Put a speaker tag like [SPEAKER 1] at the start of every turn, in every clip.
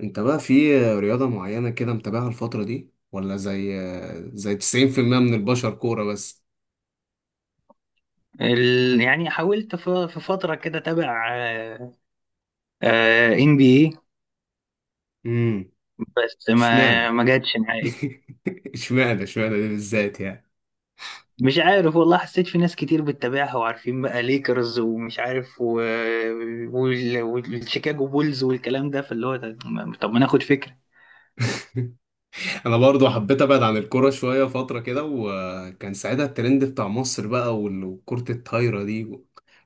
[SPEAKER 1] انت بقى في رياضة معينة كده متابعها الفترة دي، ولا زي 90% من البشر كورة بس؟
[SPEAKER 2] يعني حاولت في فترة كده اتابع ان بي اي.
[SPEAKER 1] امم
[SPEAKER 2] بس ما
[SPEAKER 1] اشمعنى؟
[SPEAKER 2] ما جاتش معايا.
[SPEAKER 1] اشمعنى دي بالذات يعني؟
[SPEAKER 2] مش عارف والله، حسيت في ناس كتير بتتابعها وعارفين بقى ليكرز ومش عارف و... والشيكاغو بولز والكلام ده، فاللي هو طب ما ناخد فكرة.
[SPEAKER 1] انا برضو حبيت ابعد عن الكورة شوية فترة كده، وكان ساعتها الترند بتاع مصر بقى، وكرة الطايرة دي.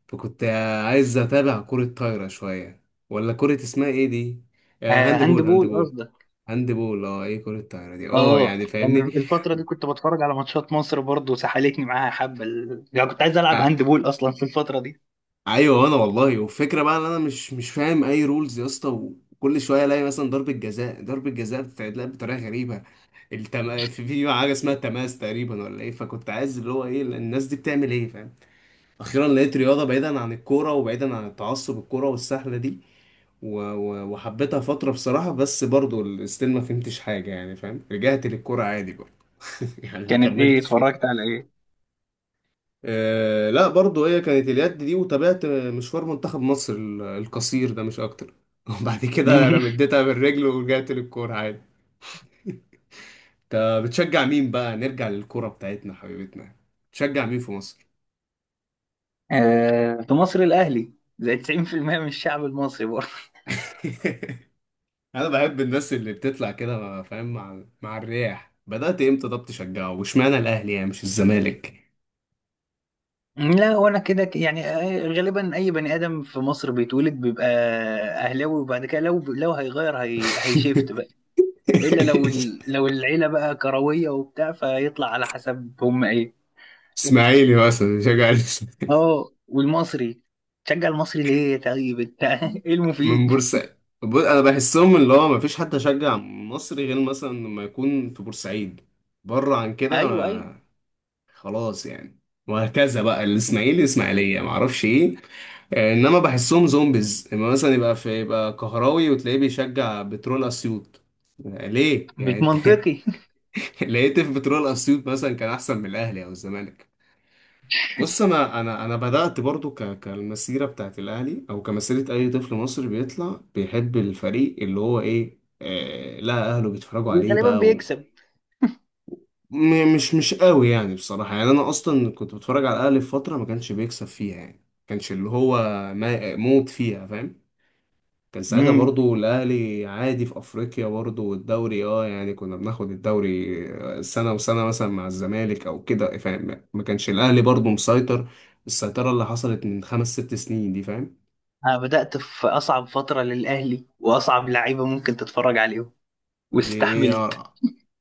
[SPEAKER 1] فكنت عايز اتابع كرة طايرة شوية، ولا كرة اسمها ايه دي؟ آه،
[SPEAKER 2] آه،
[SPEAKER 1] هاند
[SPEAKER 2] هاند
[SPEAKER 1] بول. هاند
[SPEAKER 2] بول
[SPEAKER 1] بول
[SPEAKER 2] قصدك.
[SPEAKER 1] هاند بول اه، ايه كرة الطايرة دي؟ اه
[SPEAKER 2] اه،
[SPEAKER 1] يعني،
[SPEAKER 2] أنا
[SPEAKER 1] فاهمني؟
[SPEAKER 2] الفترة دي كنت بتفرج على ماتشات مصر برضو، سحلتني معاها حبة يعني كنت عايز العب
[SPEAKER 1] آه،
[SPEAKER 2] هاند بول اصلا في الفترة دي.
[SPEAKER 1] ايوه. انا والله، والفكره بقى، ان انا مش فاهم اي رولز يا اسطى. وكل شويه الاقي مثلا ضربه جزاء، ضربه جزاء بتتلعب بطريقه غريبه. في حاجه اسمها تماس تقريبا ولا ايه. فكنت عايز اللي هو ايه الناس دي بتعمل ايه، فاهم؟ اخيرا لقيت رياضه بعيدا عن الكوره وبعيدا عن التعصب الكوره والسهله دي. وحبيتها فتره بصراحه، بس برضو ستيل ما فهمتش حاجه يعني فاهم، رجعت للكوره عادي بقى. يعني ما
[SPEAKER 2] كانت ايه؟
[SPEAKER 1] كملتش فيها.
[SPEAKER 2] اتفرجت على ايه؟
[SPEAKER 1] آه لا، برضو هي كانت اليد دي، وتابعت مشوار منتخب مصر القصير ده مش اكتر. وبعد كده رمدتها بالرجل ورجعت للكورة عادي. انت بتشجع مين بقى، نرجع للكورة بتاعتنا حبيبتنا؟ بتشجع مين في مصر؟
[SPEAKER 2] آه، في مصر الأهلي، زي 90% من الشعب المصري برضه.
[SPEAKER 1] انا بحب الناس اللي بتطلع كده فاهم، مع الرياح. بدأت امتى طب تشجعه؟ واشمعنى الاهلي يعني مش الزمالك؟
[SPEAKER 2] لا، وانا كده يعني آه، غالبا اي بني ادم في مصر بيتولد بيبقى اهلاوي، وبعد كده لو هيغير هيشيفت بقى. الا لو ال... لو العيله بقى كرويه وبتاع، فيطلع على حسب هم ايه.
[SPEAKER 1] اسماعيلي مثلا شجع،
[SPEAKER 2] اه، والمصري. تشجع المصري ليه طيب انت؟ ايه
[SPEAKER 1] من
[SPEAKER 2] المفيد؟
[SPEAKER 1] بورسعيد. بص، انا بحسهم اللي هو مفيش حد يشجع مصري غير مثلا لما يكون في بورسعيد. بره عن كده
[SPEAKER 2] ايوه ايوه،
[SPEAKER 1] خلاص يعني. وهكذا بقى الاسماعيلي، اسماعيليه، معرفش ايه. آه، انما بحسهم زومبيز اما مثلا يبقى في، يبقى كهراوي وتلاقيه بيشجع بترول اسيوط. آه، ليه
[SPEAKER 2] مش
[SPEAKER 1] يعني انت؟
[SPEAKER 2] منطقي.
[SPEAKER 1] لقيت في بترول اسيوط مثلا كان احسن من الاهلي او الزمالك؟ بص، انا بدات برضو ك كالمسيره بتاعت الاهلي، او كمسيره اي طفل مصري بيطلع بيحب الفريق اللي هو ايه، آه لا اهله بيتفرجوا
[SPEAKER 2] اللي
[SPEAKER 1] عليه
[SPEAKER 2] غالبا
[SPEAKER 1] بقى
[SPEAKER 2] بيكسب.
[SPEAKER 1] مش قوي يعني بصراحه. يعني انا اصلا كنت بتفرج على الاهلي في فتره ما كانش بيكسب فيها، يعني ما كانش اللي هو ما موت فيها، فاهم؟ كان ساعتها
[SPEAKER 2] امم،
[SPEAKER 1] برضو الأهلي عادي في أفريقيا، برضو والدوري اه يعني كنا بناخد الدوري، آه، سنة وسنة مثلا مع الزمالك أو كده، فاهم؟ ما كانش الأهلي برضو مسيطر السيطرة اللي حصلت من خمس ست سنين دي، فاهم؟
[SPEAKER 2] انا بدات في اصعب فتره للاهلي واصعب لعيبه ممكن تتفرج عليهم،
[SPEAKER 1] دي ايه،
[SPEAKER 2] واستحملت.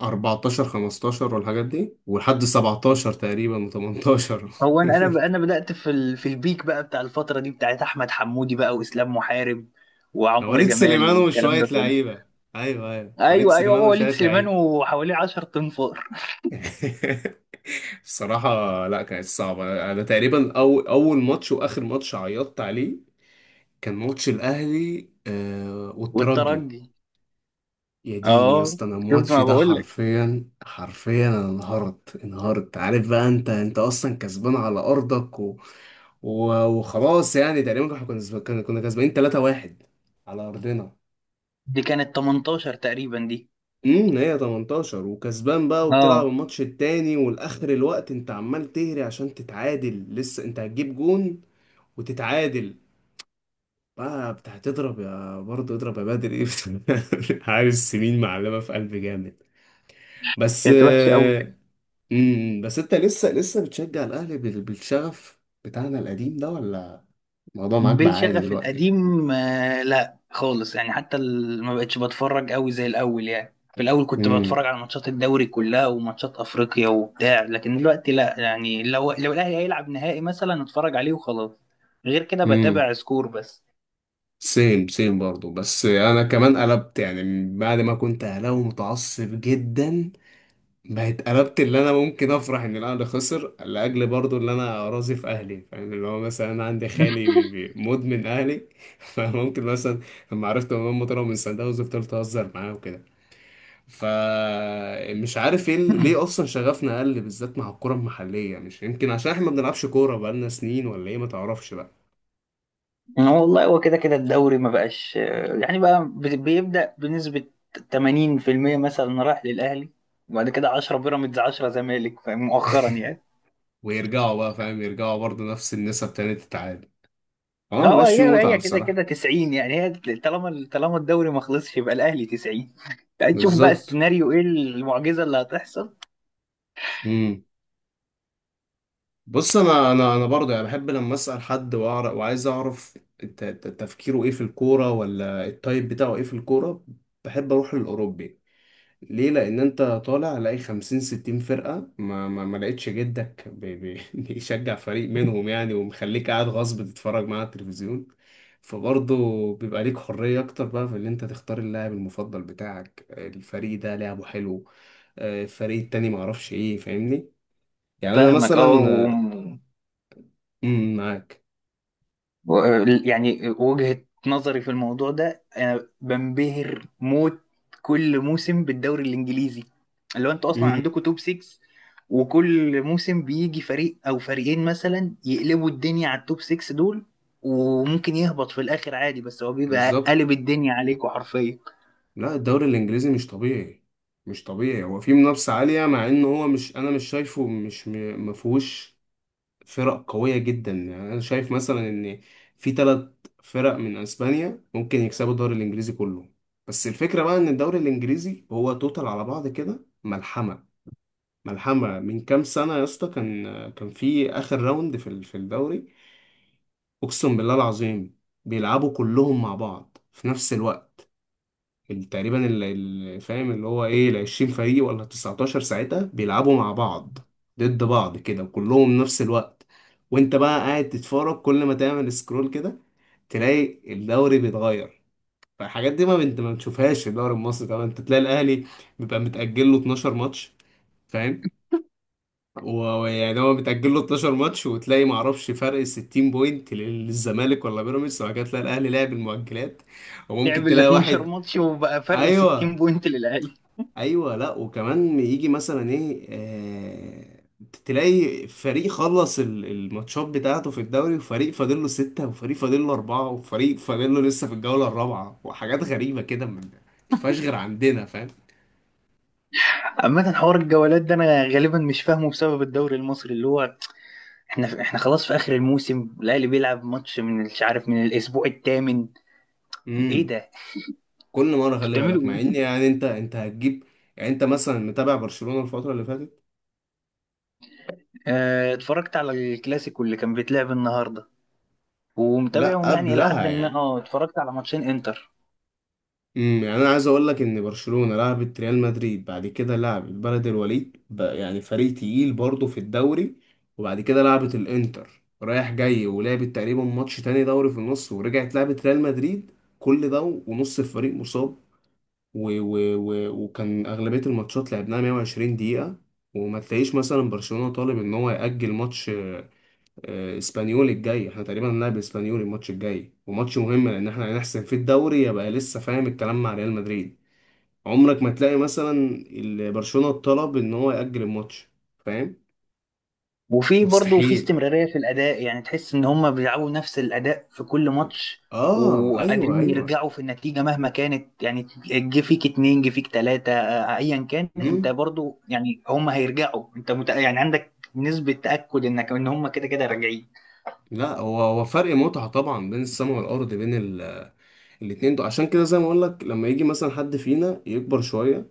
[SPEAKER 1] 14، 15 والحاجات دي، ولحد 17 تقريبا و18.
[SPEAKER 2] هو انا بدات في ال... في البيك بقى بتاع الفتره دي، بتاعت احمد حمودي بقى، واسلام محارب، وعمرو
[SPEAKER 1] وليد
[SPEAKER 2] جمال،
[SPEAKER 1] سليمان
[SPEAKER 2] والكلام
[SPEAKER 1] وشوية
[SPEAKER 2] ده كله.
[SPEAKER 1] لعيبة. أيوه أيوه، وليد
[SPEAKER 2] ايوه ايوه،
[SPEAKER 1] سليمان
[SPEAKER 2] هو
[SPEAKER 1] وشوية
[SPEAKER 2] وليد سليمان
[SPEAKER 1] لعيبة.
[SPEAKER 2] وحواليه 10 تنفار.
[SPEAKER 1] بصراحة لا كانت صعبة. أنا تقريبا أو أول ماتش وآخر ماتش عيطت عليه، كان ماتش الأهلي آه والترجي.
[SPEAKER 2] والترجي،
[SPEAKER 1] يا ديني يا
[SPEAKER 2] اه.
[SPEAKER 1] اسطى، أنا
[SPEAKER 2] شفت
[SPEAKER 1] الماتش
[SPEAKER 2] ما
[SPEAKER 1] ده
[SPEAKER 2] بقول لك؟
[SPEAKER 1] حرفيا، حرفيا، أنا انهارت. عارف بقى؟ أنت أصلا كسبان على أرضك، وخلاص يعني. تقريبا احنا كنا كسبانين 3-1 على أرضنا.
[SPEAKER 2] دي كانت 18 تقريبا دي.
[SPEAKER 1] هي 18. وكسبان بقى، وبتلعب
[SPEAKER 2] اه،
[SPEAKER 1] الماتش التاني والاخر الوقت انت عمال تهري عشان تتعادل، لسه انت هتجيب جون وتتعادل. بقى بتاع تضرب يا برضه، اضرب يا بدر، ايه بس؟ حارس سمين معلمه في قلب جامد. بس
[SPEAKER 2] كانت وحشه قوي.
[SPEAKER 1] آه، مم، بس انت لسه بتشجع الاهلي بالشغف بتاعنا القديم ده، ولا الموضوع معاك بقى عادي
[SPEAKER 2] بالشغف
[SPEAKER 1] دلوقتي؟
[SPEAKER 2] القديم آه، لا خالص يعني. حتى ما بقتش بتفرج قوي زي الاول. يعني في الاول كنت بتفرج
[SPEAKER 1] امم
[SPEAKER 2] على ماتشات الدوري كلها، وماتشات افريقيا وبتاع، لكن دلوقتي لا. يعني لو الاهلي هيلعب نهائي مثلا اتفرج عليه وخلاص. غير كده
[SPEAKER 1] امم
[SPEAKER 2] بتابع سكور بس.
[SPEAKER 1] سيم سيم برضه. بس انا كمان قلبت يعني، بعد ما كنت اهلاوي متعصب جدا، بقت قلبت. اللي انا ممكن افرح ان الاهلي خسر، لاجل برضو اللي انا راضي في اهلي، فاهم؟ اللي هو مثلا انا عندي خالي بي بي مدمن اهلي. فممكن مثلا لما عرفت ان هم طلعوا من سان داونز، فضلت اهزر معاه وكده. فمش عارف ايه ليه اصلا شغفنا قل بالذات مع الكره المحليه؟ مش يمكن عشان احنا ما بنلعبش كوره بقالنا سنين، ولا ايه، ما تعرفش بقى.
[SPEAKER 2] والله هو كده كده الدوري ما بقاش آه، يعني بقى بيبدأ بنسبة 80% مثلا رايح للاهلي، وبعد كده 10 بيراميدز، 10 زمالك، مؤخرا يعني.
[SPEAKER 1] ويرجعوا بقى فاهم، يرجعوا برضو نفس النسب تاني تتعادل. اه
[SPEAKER 2] اه، هو
[SPEAKER 1] ماشي،
[SPEAKER 2] هي
[SPEAKER 1] متعه
[SPEAKER 2] هي كده كده
[SPEAKER 1] بصراحه.
[SPEAKER 2] 90 يعني هي. طالما طالما الدوري ما خلصش يبقى الاهلي 90. تشوف بقى
[SPEAKER 1] بالظبط.
[SPEAKER 2] السيناريو ايه، المعجزه اللي هتحصل.
[SPEAKER 1] مم. بص، انا برضه يعني بحب لما اسال حد واعرف، وعايز اعرف تفكيره ايه في الكوره، ولا التايب بتاعه ايه في الكوره. بحب اروح للاوروبي. ليه؟ لان انت طالع لاقي 50، 60 فرقه، ما لقيتش جدك بي بي بيشجع فريق منهم يعني، ومخليك قاعد غصب تتفرج معاه على التلفزيون. فبرضه بيبقى ليك حريه اكتر بقى في ان انت تختار اللاعب المفضل بتاعك، الفريق ده لعبه حلو، آه، الفريق التاني، معرفش ايه، فاهمني؟ يعني انا
[SPEAKER 2] فاهمك اه، و...
[SPEAKER 1] مثلا، معاك.
[SPEAKER 2] و... يعني وجهه نظري في الموضوع ده، انا بنبهر موت كل موسم بالدوري الانجليزي. اللي هو انتوا اصلا
[SPEAKER 1] امم
[SPEAKER 2] عندكم توب 6، وكل موسم بيجي فريق او فريقين مثلا يقلبوا الدنيا على التوب 6 دول. وممكن يهبط في الاخر عادي، بس هو بيبقى
[SPEAKER 1] بالظبط.
[SPEAKER 2] قلب الدنيا عليكم حرفيا.
[SPEAKER 1] لا الدوري الانجليزي مش طبيعي، مش طبيعي. هو فيه منافسه عاليه، مع ان هو مش، انا مش شايفه مش مفهوش فرق قويه جدا. يعني انا شايف مثلا ان في ثلاث فرق من اسبانيا ممكن يكسبوا الدوري الانجليزي كله. بس الفكره بقى ان الدوري الانجليزي هو توتال على بعض كده ملحمه. ملحمة من كام سنة يا اسطى، كان في آخر راوند في في الدوري، أقسم بالله العظيم، بيلعبوا كلهم مع بعض في نفس الوقت. تقريبا فاهم اللي هو إيه، العشرين فريق ولا التسعتاشر ساعتها، بيلعبوا مع بعض ضد بعض كده وكلهم نفس الوقت. وأنت بقى قاعد تتفرج، كل ما تعمل سكرول كده تلاقي الدوري بيتغير. فالحاجات دي ما انت ما بتشوفهاش في الدوري المصري طبعا. انت تلاقي الاهلي بيبقى متأجل له 12 ماتش، فاهم؟ ويعني هو بتأجل له 12 ماتش، وتلاقي معرفش فرق 60 بوينت للزمالك ولا بيراميدز، وبعد كده تلاقي الأهلي لعب المؤجلات وممكن
[SPEAKER 2] لعب ال
[SPEAKER 1] تلاقي
[SPEAKER 2] 12
[SPEAKER 1] واحد.
[SPEAKER 2] ماتش وبقى فرق 60
[SPEAKER 1] أيوه
[SPEAKER 2] بوينت للاهلي.
[SPEAKER 1] أيوه، لأ، وكمان يجي مثلا إيه آه، تلاقي فريق خلص الماتشات بتاعته في الدوري، وفريق فاضل له ستة، وفريق فاضل له أربعة، وفريق فاضل له لسه في الجولة الرابعة، وحاجات غريبة كده ما تشوفهاش غير عندنا،
[SPEAKER 2] عامة حوار الجولات ده انا غالبا مش فاهمه، بسبب الدوري المصري اللي هو احنا خلاص في اخر الموسم الاهلي بيلعب ماتش من مش عارف من الاسبوع الثامن. ايه
[SPEAKER 1] فاهم؟
[SPEAKER 2] ده، انتوا
[SPEAKER 1] كل مره خلي
[SPEAKER 2] بتعملوا
[SPEAKER 1] بالك،
[SPEAKER 2] ايه؟
[SPEAKER 1] مع ان يعني انت هتجيب، يعني انت مثلا متابع برشلونه الفتره اللي فاتت؟
[SPEAKER 2] اه، اتفرجت على الكلاسيكو اللي كان بيتلعب النهارده،
[SPEAKER 1] لا
[SPEAKER 2] ومتابعهم يعني الى
[SPEAKER 1] قبلها
[SPEAKER 2] حد ما.
[SPEAKER 1] يعني.
[SPEAKER 2] اه، اتفرجت على ماتشين انتر.
[SPEAKER 1] يعني انا عايز اقول لك ان برشلونه لعبت ريال مدريد، بعد كده لعبت بلد الوليد بقى، يعني فريق تقيل برضه في الدوري، وبعد كده لعبت الانتر رايح جاي، ولعبت تقريبا ماتش تاني دوري في النص، ورجعت لعبت ريال مدريد. كل ده ونص الفريق مصاب. و وكان اغلبيه الماتشات لعبناها 120 دقيقه. وما تلاقيش مثلا برشلونة طالب ان هو يأجل ماتش. آه، اسبانيول الجاي، احنا تقريبا هنلعب اسبانيول الماتش الجاي، وماتش مهم لان احنا هنحسم في الدوري، يبقى لسه فاهم الكلام مع ريال مدريد. عمرك ما تلاقي مثلا برشلونة طلب ان هو يأجل الماتش، فاهم؟
[SPEAKER 2] وفي برضه في
[SPEAKER 1] مستحيل.
[SPEAKER 2] استمرارية في الأداء، يعني تحس إن هما بيلعبوا نفس الأداء في كل ماتش،
[SPEAKER 1] اه ايوه
[SPEAKER 2] وقادرين
[SPEAKER 1] ايوه.
[SPEAKER 2] يرجعوا في النتيجة مهما كانت. يعني جه فيك اتنين، جه فيك تلاتة آه، أيا كان أنت
[SPEAKER 1] امم
[SPEAKER 2] برضه، يعني هما هيرجعوا. أنت يعني عندك نسبة تأكد إنك إن هما كده كده راجعين.
[SPEAKER 1] لا، هو فرق متعة طبعا بين السما والارض، بين الاتنين دول. عشان كده زي ما اقول لك، لما يجي مثلا حد فينا يكبر شوية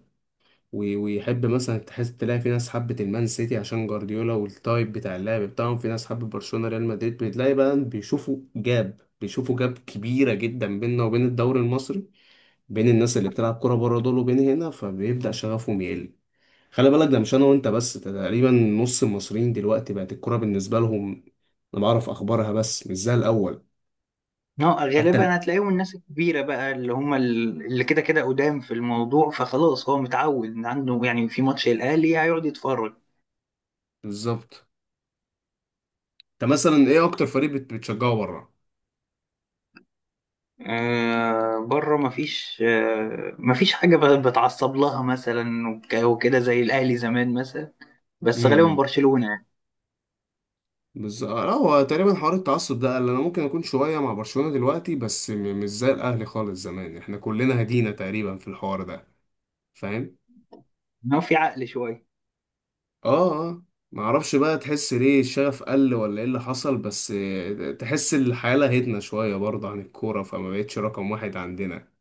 [SPEAKER 1] ويحب مثلا، تحس تلاقي في ناس حبت المان سيتي عشان جوارديولا والتايب بتاع اللعب بتاعهم، في ناس حبت برشلونة، ريال مدريد، بتلاقي بقى بيشوفوا جاب، بيشوفوا جاب كبيرة جدا بيننا وبين الدوري المصري، بين الناس اللي بتلعب كرة بره دول وبين هنا، فبيبدأ شغفهم يقل. خلي بالك ده مش انا وانت بس، ده تقريبا نص المصريين دلوقتي بقت الكرة بالنسبة لهم، انا بعرف اخبارها بس مش زي الاول.
[SPEAKER 2] اه
[SPEAKER 1] حتى
[SPEAKER 2] غالبا هتلاقيهم الناس الكبيرة بقى، اللي هما اللي كده كده قدام في الموضوع، فخلاص هو متعود إن عنده يعني في ماتش الأهلي هيقعد يتفرج.
[SPEAKER 1] بالظبط. انت مثلا ايه اكتر فريق بتشجعه بره؟
[SPEAKER 2] آه، بره مفيش آه، مفيش حاجة بتعصب لها مثلا وكده زي الأهلي زمان مثلا. بس غالبا برشلونة يعني.
[SPEAKER 1] بس آه، لا، هو تقريبا حوار التعصب ده قال. انا ممكن اكون شويه مع برشلونه دلوقتي، بس مش زي الاهلي خالص زمان، احنا كلنا هدينا تقريبا في الحوار ده، فاهم؟
[SPEAKER 2] إنما في عقل شوية.
[SPEAKER 1] اه اه. ما اعرفش بقى، تحس ليه الشغف قل ولا ايه اللي حصل؟ بس آه، تحس الحياه لهتنا شويه برضه عن الكوره، فما بقتش رقم واحد عندنا.